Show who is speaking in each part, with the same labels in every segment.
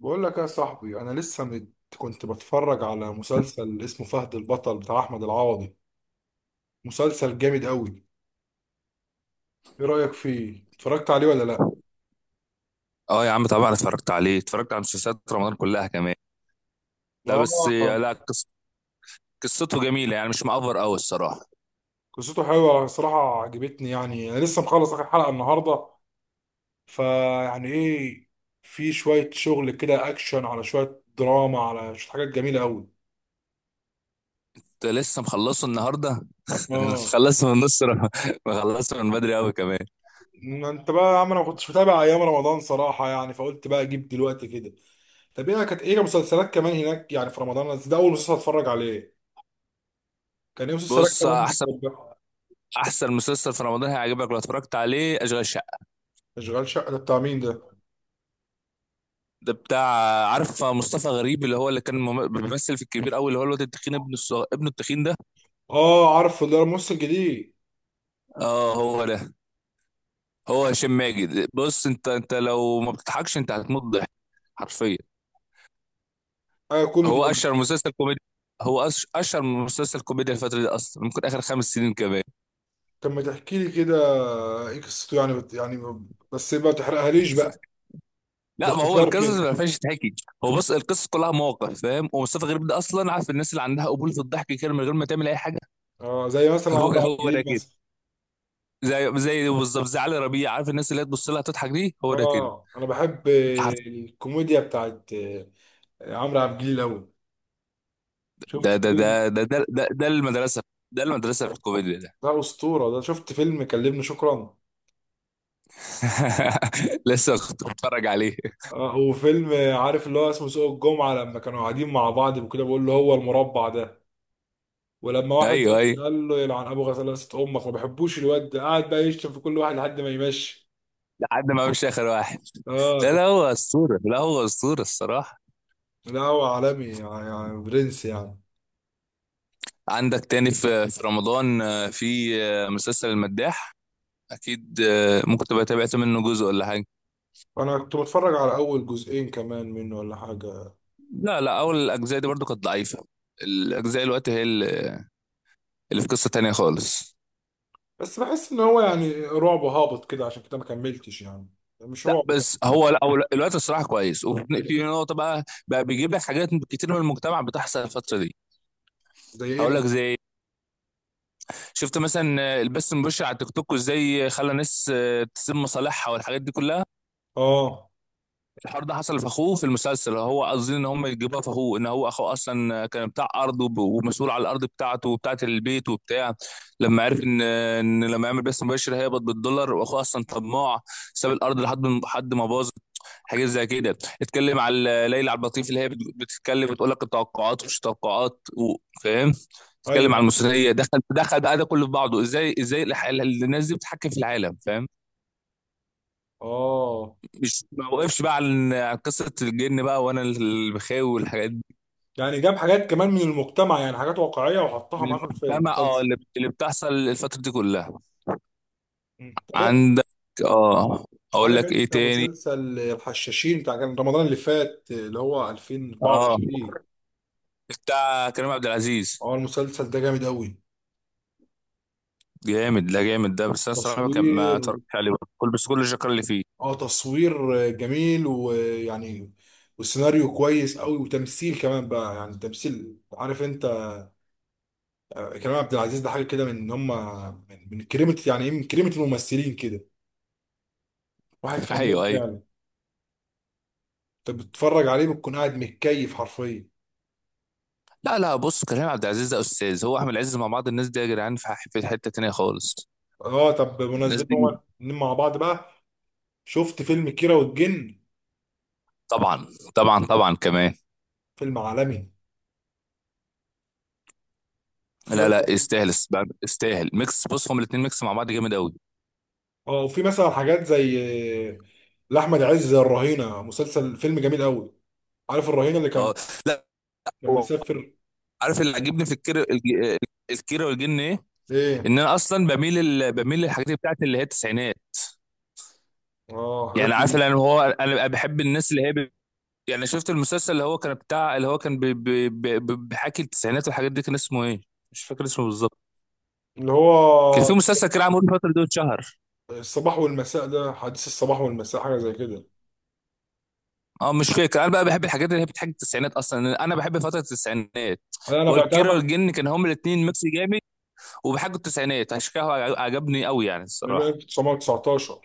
Speaker 1: بقول لك يا صاحبي انا لسه مت... كنت بتفرج على مسلسل اسمه فهد البطل بتاع احمد العوضي. مسلسل جامد قوي. ايه رايك فيه، اتفرجت عليه ولا لا؟
Speaker 2: اه يا عم طبعا اتفرجت عليه، اتفرجت على مسلسلات رمضان كلها كمان. لا بس
Speaker 1: اه،
Speaker 2: لا قص- قصته جميله يعني مش مأفر قوي الصراحه.
Speaker 1: قصته حلوه صراحه، عجبتني. يعني انا لسه مخلص اخر حلقه النهارده. فيعني في شويه شغل كده، اكشن على شويه دراما على شويه حاجات جميله قوي.
Speaker 2: كنت لسه مخلصه النهارده.
Speaker 1: اه،
Speaker 2: مخلصه من نص رم- مخلصه من بدري قوي كمان.
Speaker 1: ما انت بقى يا عم، انا ما كنتش متابع ايام رمضان صراحه، يعني فقلت بقى اجيب دلوقتي كده. طب ايه كانت مسلسلات كمان هناك يعني في رمضان؟ بس ده اول مسلسل اتفرج عليه. كان ايه مسلسلات
Speaker 2: بص،
Speaker 1: كمان بتتفرج؟
Speaker 2: احسن مسلسل في رمضان هيعجبك لو اتفرجت عليه، اشغال شقه.
Speaker 1: اشغال شقه ده بتاع مين ده؟
Speaker 2: ده بتاع عارف مصطفى غريب اللي هو اللي كان بيمثل في الكبير قوي، اللي هو الواد التخين، ابن التخين ده.
Speaker 1: اه عارفه، ده الممثل الجديد.
Speaker 2: اه هو ده. هو هشام ماجد. بص، انت لو ما بتضحكش انت هتموت ضحك، حرفيا.
Speaker 1: ايوه كوميدي
Speaker 2: هو
Speaker 1: يعني؟
Speaker 2: اشهر مسلسل كوميدي. هو اشهر مسلسل كوميديا الفتره دي، اصلا ممكن اخر 5 سنين كمان.
Speaker 1: طب ما تحكي لي كده، ايه قصته يعني بت... يعني ب- بس ما تحرقهاليش بقى،
Speaker 2: لا ما هو
Speaker 1: باختصار
Speaker 2: القصص
Speaker 1: كده.
Speaker 2: ما فيهاش تحكي. هو بص، القصص كلها مواقف، فاهم؟ ومصطفى غريب ده اصلا عارف، الناس اللي عندها قبول في الضحك كده من غير ما تعمل اي حاجه.
Speaker 1: اه، زي مثلا
Speaker 2: هو،
Speaker 1: عمرو عبد
Speaker 2: هو ده
Speaker 1: الجليل
Speaker 2: كده.
Speaker 1: مثلا.
Speaker 2: زي، بالظبط زي علي ربيع، عارف الناس اللي هي تبص لها تضحك دي، هو ده كده.
Speaker 1: اه انا بحب الكوميديا بتاعت عمرو عبد الجليل قوي.
Speaker 2: ده
Speaker 1: شفت
Speaker 2: ده ده
Speaker 1: فيلم؟
Speaker 2: ده ده ده, ده المدرسة. ده المدرسة في الكوميديا ده.
Speaker 1: ده اسطوره ده. شفت فيلم كلمني شكرا؟
Speaker 2: لسه كنت بتفرج عليه.
Speaker 1: وفيلم، عارف اللي هو اسمه سوق الجمعة، لما كانوا قاعدين مع بعض وكده بيقول له هو المربع ده، ولما واحد
Speaker 2: ايوه
Speaker 1: مشي
Speaker 2: ايوه.
Speaker 1: قال له يلعن ابو غسالة امك. ما بحبوش الواد ده، قعد بقى يشتم في كل واحد لحد ما يمشي.
Speaker 2: لحد ما مش اخر واحد.
Speaker 1: اه
Speaker 2: لا
Speaker 1: كان.
Speaker 2: لا، هو اسطورة، لا هو اسطورة الصراحة.
Speaker 1: لا هو عالمي يعني، يعني برنس يعني.
Speaker 2: عندك تاني في رمضان، في آه، مسلسل المداح، اكيد. ممكن تبقى تابعت منه جزء ولا حاجة.
Speaker 1: انا كنت بتفرج على اول جزئين كمان منه ولا حاجة.
Speaker 2: لا لا، اول الاجزاء دي برضو كانت ضعيفة. الاجزاء دلوقتي هي اللي في قصة تانية خالص.
Speaker 1: بس بحس ان هو يعني رعب هابط كده، عشان كده ما كملتش يعني. مش
Speaker 2: لا
Speaker 1: رعب كده.
Speaker 2: بس هو، لا هو الوقت الصراحه كويس، وفي نقطه بقى، بيجيب لك حاجات كتير من المجتمع بتحصل الفتره دي.
Speaker 1: زي ايه
Speaker 2: هقول
Speaker 1: مثلا؟
Speaker 2: لك زي إيه؟ شفت مثلا البث المباشر على تيك توك وازاي خلى ناس، تسيب مصالحها والحاجات دي كلها.
Speaker 1: اه.
Speaker 2: الحوار ده حصل في اخوه في المسلسل، هو قصدي ان هم يجيبوها في اخوه، ان هو اخوه اصلا كان بتاع ارض ومسؤول على الارض بتاعته وبتاعه البيت وبتاع. لما عرف ان لما يعمل بث مباشر هيقبض بالدولار، واخوه اصلا طماع، ساب الارض لحد ما باظ. حاجات زي كده. اتكلم على ليلى عبد اللطيف اللي هي بتتكلم، بتقول لك التوقعات ومش توقعات و-، فاهم. اتكلم على
Speaker 1: ايوه.
Speaker 2: المثليه، دخل بقى ده كله في بعضه، ازاي، الناس دي بتحكم في العالم، فاهم.
Speaker 1: اه.
Speaker 2: مش ما وقفش بقى عن قصه الجن بقى وانا البخاوي والحاجات دي.
Speaker 1: يعني جاب حاجات كمان من المجتمع، يعني حاجات واقعية وحطها
Speaker 2: من
Speaker 1: معاه في الفيلم
Speaker 2: المجتمع، اه،
Speaker 1: المسلسل.
Speaker 2: اللي بتحصل الفتره دي كلها.
Speaker 1: طب
Speaker 2: عندك، اه، اقول
Speaker 1: عارف
Speaker 2: لك ايه
Speaker 1: انت
Speaker 2: تاني.
Speaker 1: مسلسل الحشاشين بتاع كان رمضان اللي فات اللي هو
Speaker 2: اه،
Speaker 1: 2024؟
Speaker 2: بتاع كريم عبد العزيز.
Speaker 1: اه المسلسل ده جامد قوي.
Speaker 2: جامد، لا جامد ده، بس انا الصراحه ما
Speaker 1: تصوير،
Speaker 2: اتفرجتش عليه برضه. كل بس كل الشكر اللي فيه.
Speaker 1: اه تصوير جميل ويعني، والسيناريو كويس قوي، وتمثيل كمان بقى يعني. تمثيل عارف انت، كريم عبد العزيز ده حاجه كده من ان هم، من كريمه، يعني ايه، من كريمه الممثلين كده. واحد فنان
Speaker 2: ايوه ايوه.
Speaker 1: فعلا. انت بتتفرج عليه بتكون قاعد متكيف حرفيا.
Speaker 2: لا لا، بص كريم عبد العزيز ده استاذ، هو احمد عز مع بعض، الناس دي يا جدعان في في حته تانيه خالص.
Speaker 1: اه طب
Speaker 2: الناس
Speaker 1: بمناسبة
Speaker 2: دي.
Speaker 1: هما الاتنين مع بعض بقى، شفت فيلم كيرة والجن؟
Speaker 2: طبعا، طبعا كمان.
Speaker 1: فيلم عالمي. في
Speaker 2: لا لا
Speaker 1: مثلا.
Speaker 2: يستاهل، يستاهل ميكس. بص هما الاثنين ميكس مع بعض جامد قوي.
Speaker 1: اه وفي مثلا حاجات زي، آه، لأحمد عز زي الرهينة، مسلسل فيلم جميل قوي. عارف الرهينة اللي كان،
Speaker 2: اه. لا
Speaker 1: كان
Speaker 2: هو
Speaker 1: مسافر؟
Speaker 2: عارف اللي عجبني في الكيرة والجن ايه؟
Speaker 1: ايه.
Speaker 2: ان انا اصلا بميل بميل للحاجات بتاعت اللي هي التسعينات.
Speaker 1: اه حاجات.
Speaker 2: يعني عارف، يعني هو انا بحب الناس اللي هي ب... يعني شفت المسلسل اللي هو كان بتاع، اللي هو كان بحكي التسعينات والحاجات دي، كان اسمه ايه؟ مش فاكر اسمه بالظبط.
Speaker 1: اللي
Speaker 2: كان في
Speaker 1: هو
Speaker 2: مسلسل كده عامل الفترة دي، اتشهر.
Speaker 1: الصباح والمساء ده، حديث الصباح والمساء، حاجة زي كده.
Speaker 2: اه، مش فاكر. انا بقى بحب الحاجات اللي هي بتحكي التسعينات، اصلا انا بحب فترة التسعينات.
Speaker 1: انا بقى تعرف
Speaker 2: والكيرة
Speaker 1: انا،
Speaker 2: والجن كان هما الاتنين ميكس جامد، وبيحكوا التسعينات، عشان كده هو عجبني قوي يعني
Speaker 1: بقى
Speaker 2: الصراحة.
Speaker 1: 1919.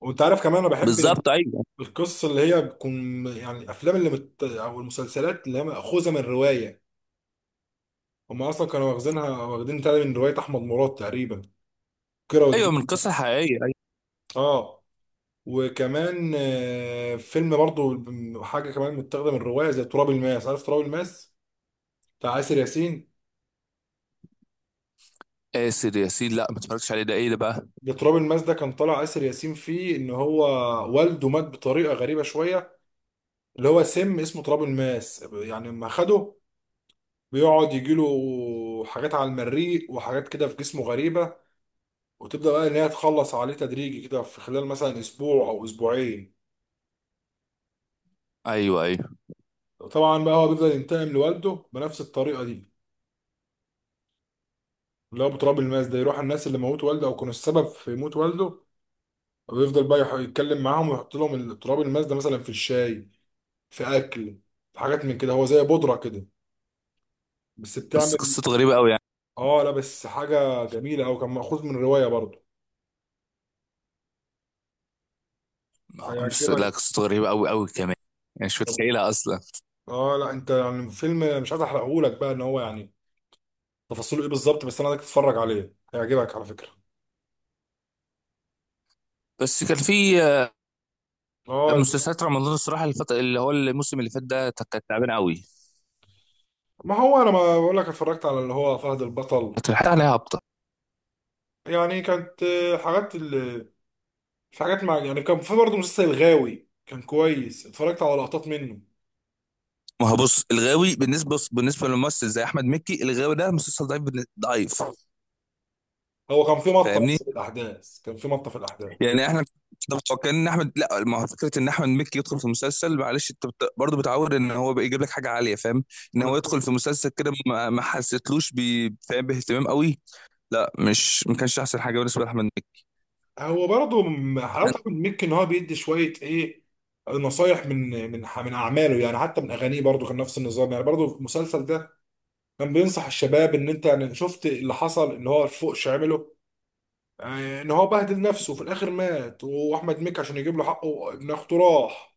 Speaker 1: وانت عارف كمان انا بحب
Speaker 2: بالظبط، ايوه
Speaker 1: القصة اللي هي بتكون، يعني الافلام اللي مت... او المسلسلات اللي هي مأخوذة من رواية. هم اصلا كانوا واخدينها واخدين تاني من روايه احمد مراد تقريبا، كيرة
Speaker 2: ايوه. من
Speaker 1: والجن ده.
Speaker 2: قصة حقيقية، ايوه.
Speaker 1: اه. وكمان فيلم برضو حاجه كمان متاخده من روايه، زي تراب الماس. عارف تراب الماس بتاع آسر ياسين؟
Speaker 2: ياسر ياسين؟ لا ما اتفرجتش عليه، ده ايه ده بقى؟
Speaker 1: ده تراب الماس ده كان طالع آسر ياسين فيه، ان هو والده مات بطريقه غريبه شويه. اللي هو سم اسمه تراب الماس، يعني لما خده بيقعد يجيله حاجات على المريء وحاجات كده في جسمه غريبه، وتبدا بقى ان هي تخلص عليه تدريجي كده في خلال مثلا اسبوع او اسبوعين.
Speaker 2: ايوه ايوه.
Speaker 1: طبعا بقى هو بيفضل ينتقم لوالده بنفس الطريقه دي، اللي هو بتراب الماس ده. يروح على الناس اللي موت والده او كانوا السبب في موت والده، ويفضل بقى يح- يتكلم معاهم ويحط لهم ال- تراب الماس ده مثلا في الشاي، في اكل، في حاجات من كده. هو زي بودره كده بس
Speaker 2: بس
Speaker 1: بتعمل.
Speaker 2: قصته غريبة قوي يعني.
Speaker 1: اه لا بس حاجه جميله، او كان مأخوذ من روايه برضه،
Speaker 2: بس
Speaker 1: هيعجبك.
Speaker 2: لا قصته غريبة قوي قوي كمان، يعني مش
Speaker 1: طب-
Speaker 2: متخيلها اصلا.
Speaker 1: اه لا انت يعني فيلم مش عايز احرقه لك بقى، ان هو يعني تفاصيله ايه بالظبط، بس انا عايزك تتفرج عليه، هيعجبك على فكره.
Speaker 2: بس كان في،
Speaker 1: اه
Speaker 2: مسلسلات رمضان الصراحة الفترة، اللي هو الموسم اللي فات ده كانت تعبانة قوي.
Speaker 1: ما هو انا ما بقول لك اتفرجت على اللي هو فهد البطل.
Speaker 2: كانت الحلقة عليها هابطة.
Speaker 1: يعني كانت حاجات ال... في حاجات مع يعني، كان في برضه مسلسل الغاوي كان كويس، اتفرجت على لقطات منه.
Speaker 2: ما هو بص الغاوي بالنسبه، بص بالنسبه لممثل زي احمد مكي، الغاوي ده مسلسل ضعيف، ضعيف،
Speaker 1: هو كان في مطه
Speaker 2: فاهمني؟
Speaker 1: بس في الاحداث، كان في مطه في الاحداث.
Speaker 2: يعني احنا طب متوقعين ان احمد، لا ما هو فكره ان احمد مكي يدخل في مسلسل، معلش انت بت... برضه بتعود ان هو بيجيب لك حاجه عاليه، فاهم. ان
Speaker 1: وانا
Speaker 2: هو يدخل
Speaker 1: فاهم.
Speaker 2: في مسلسل كده، ما حسيتلوش ب...، فاهم، باهتمام قوي. لا مش، ما كانش احسن حاجه بالنسبه لاحمد مكي.
Speaker 1: هو برضه م- حلاوته
Speaker 2: أنا-
Speaker 1: من ميك ان هو بيدي شويه ايه، نصايح من ح- من اعماله يعني، حتى من اغانيه برضه كان نفس النظام. يعني برضه في المسلسل ده كان بينصح الشباب ان انت يعني شفت اللي حصل، ان هو الفوقش عمله، ان هو بهدل نفسه وفي الاخر مات، واحمد مكي عشان يجيب له حقه ابن اخته راح.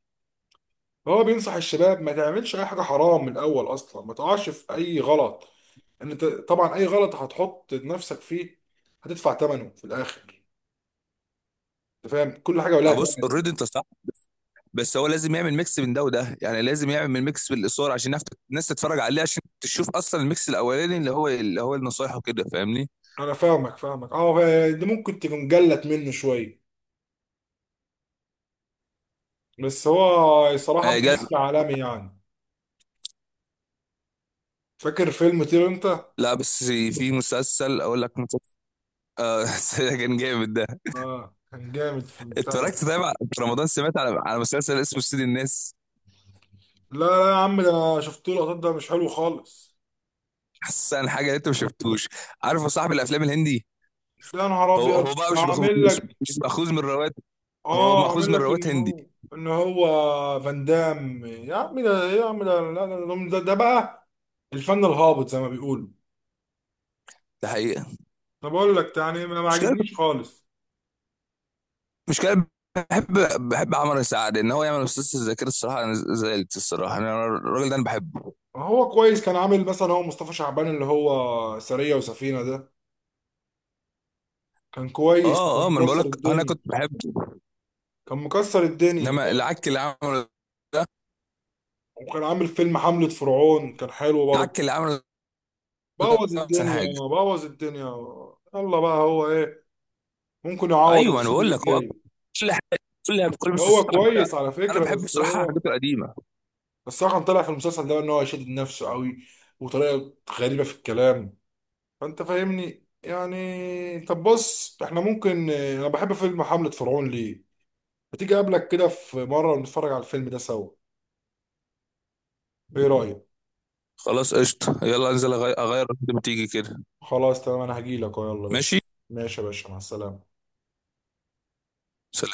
Speaker 1: هو بينصح الشباب ما تعملش اي حاجه حرام من الاول اصلا، ما تقعش في اي غلط. ان انت طبعا اي غلط هتحط نفسك فيه، هتدفع ثمنه في الاخر. انت فاهم كل حاجه ولها
Speaker 2: اه بص
Speaker 1: ثمن.
Speaker 2: اوريدي انت صح، بس هو لازم يعمل ميكس من ده وده، يعني لازم يعمل ميكس بالاثاره عشان نعرف-، الناس تتفرج عليه عشان تشوف اصلا الميكس الاولاني اللي هو، النصايح وكده، فاهمني؟
Speaker 1: انا فاهمك اه، ده ممكن تكون جلت منه شويه، بس هو صراحه بقى
Speaker 2: جا.
Speaker 1: نجم عالمي يعني. فاكر فيلم طير انت؟
Speaker 2: لا بس في مسلسل، اقول لك مسلسل. اه. كان جامد ده.
Speaker 1: اه كان جامد في البتاع ده.
Speaker 2: اتفرجت طيب على-، في رمضان، سمعت على مسلسل اسمه سيد الناس.
Speaker 1: لا لا يا عم، ده انا شفت له لقطات، ده مش حلو خالص.
Speaker 2: حاسس ان حاجه اللي انت ما شفتوش. عارف يا صاحبي الافلام الهندي،
Speaker 1: ده يا نهار
Speaker 2: هو هو
Speaker 1: ابيض،
Speaker 2: بقى
Speaker 1: ده
Speaker 2: مش مأخوذ،
Speaker 1: عامل
Speaker 2: مش,
Speaker 1: لك.
Speaker 2: مش مأخوذ من روايات، هو
Speaker 1: اه
Speaker 2: مأخوذ
Speaker 1: عامل
Speaker 2: من
Speaker 1: لك
Speaker 2: روايات
Speaker 1: ان
Speaker 2: هندي.
Speaker 1: هو، ان هو فان دام يا عم. ده يا عم ده لا، ده، ده بقى الفن الهابط زي ما بيقولوا.
Speaker 2: ده حقيقه.
Speaker 1: انا بقول لك يعني ما
Speaker 2: مش كده،
Speaker 1: عجبنيش خالص.
Speaker 2: مش كده. بحب، بحب عمر سعد ان هو يعمل مسلسل زي كده. الصراحه انا زعلت الصراحه، انا الراجل ده انا بحبه.
Speaker 1: هو كويس، كان عامل مثلا هو مصطفى شعبان اللي هو سرية وسفينة ده، كان كويس كان
Speaker 2: اه اه، ما انا بقول
Speaker 1: مكسر
Speaker 2: لك انا
Speaker 1: الدنيا.
Speaker 2: كنت بحبه،
Speaker 1: كان مكسر الدنيا.
Speaker 2: انما العك اللي عمله ده.
Speaker 1: وكان عامل فيلم حملة فرعون، كان حلو برضه.
Speaker 2: العك اللي عمله ده
Speaker 1: بوظ
Speaker 2: احسن
Speaker 1: الدنيا.
Speaker 2: حاجه.
Speaker 1: بوظ الدنيا. يلا بقى هو ايه، ممكن يعوض
Speaker 2: ايوه انا
Speaker 1: السنين
Speaker 2: بقول لك، هو أكبر.
Speaker 1: الجاي.
Speaker 2: كل حاجه، كلها بكل
Speaker 1: هو
Speaker 2: باستثناء كده.
Speaker 1: كويس على
Speaker 2: انا
Speaker 1: فكرة
Speaker 2: بحب
Speaker 1: بس
Speaker 2: الصراحه
Speaker 1: هو،
Speaker 2: حاجات القديمه.
Speaker 1: بس هو كان طلع في المسلسل ده ان هو يشدد نفسه قوي، وطريقه غريبه في الكلام. فانت فاهمني يعني. طب بص احنا ممكن، انا بحب فيلم حملة فرعون ليه، ما تيجي اقابلك كده في مره ونتفرج على الفيلم ده سوا؟ ايه رايك؟
Speaker 2: خلاص قشطه، يلا انزل اغير قد ما تيجي كده.
Speaker 1: خلاص تمام، انا هجيلك يلا يا باشا.
Speaker 2: ماشي.
Speaker 1: ماشي يا باشا، مع السلامه.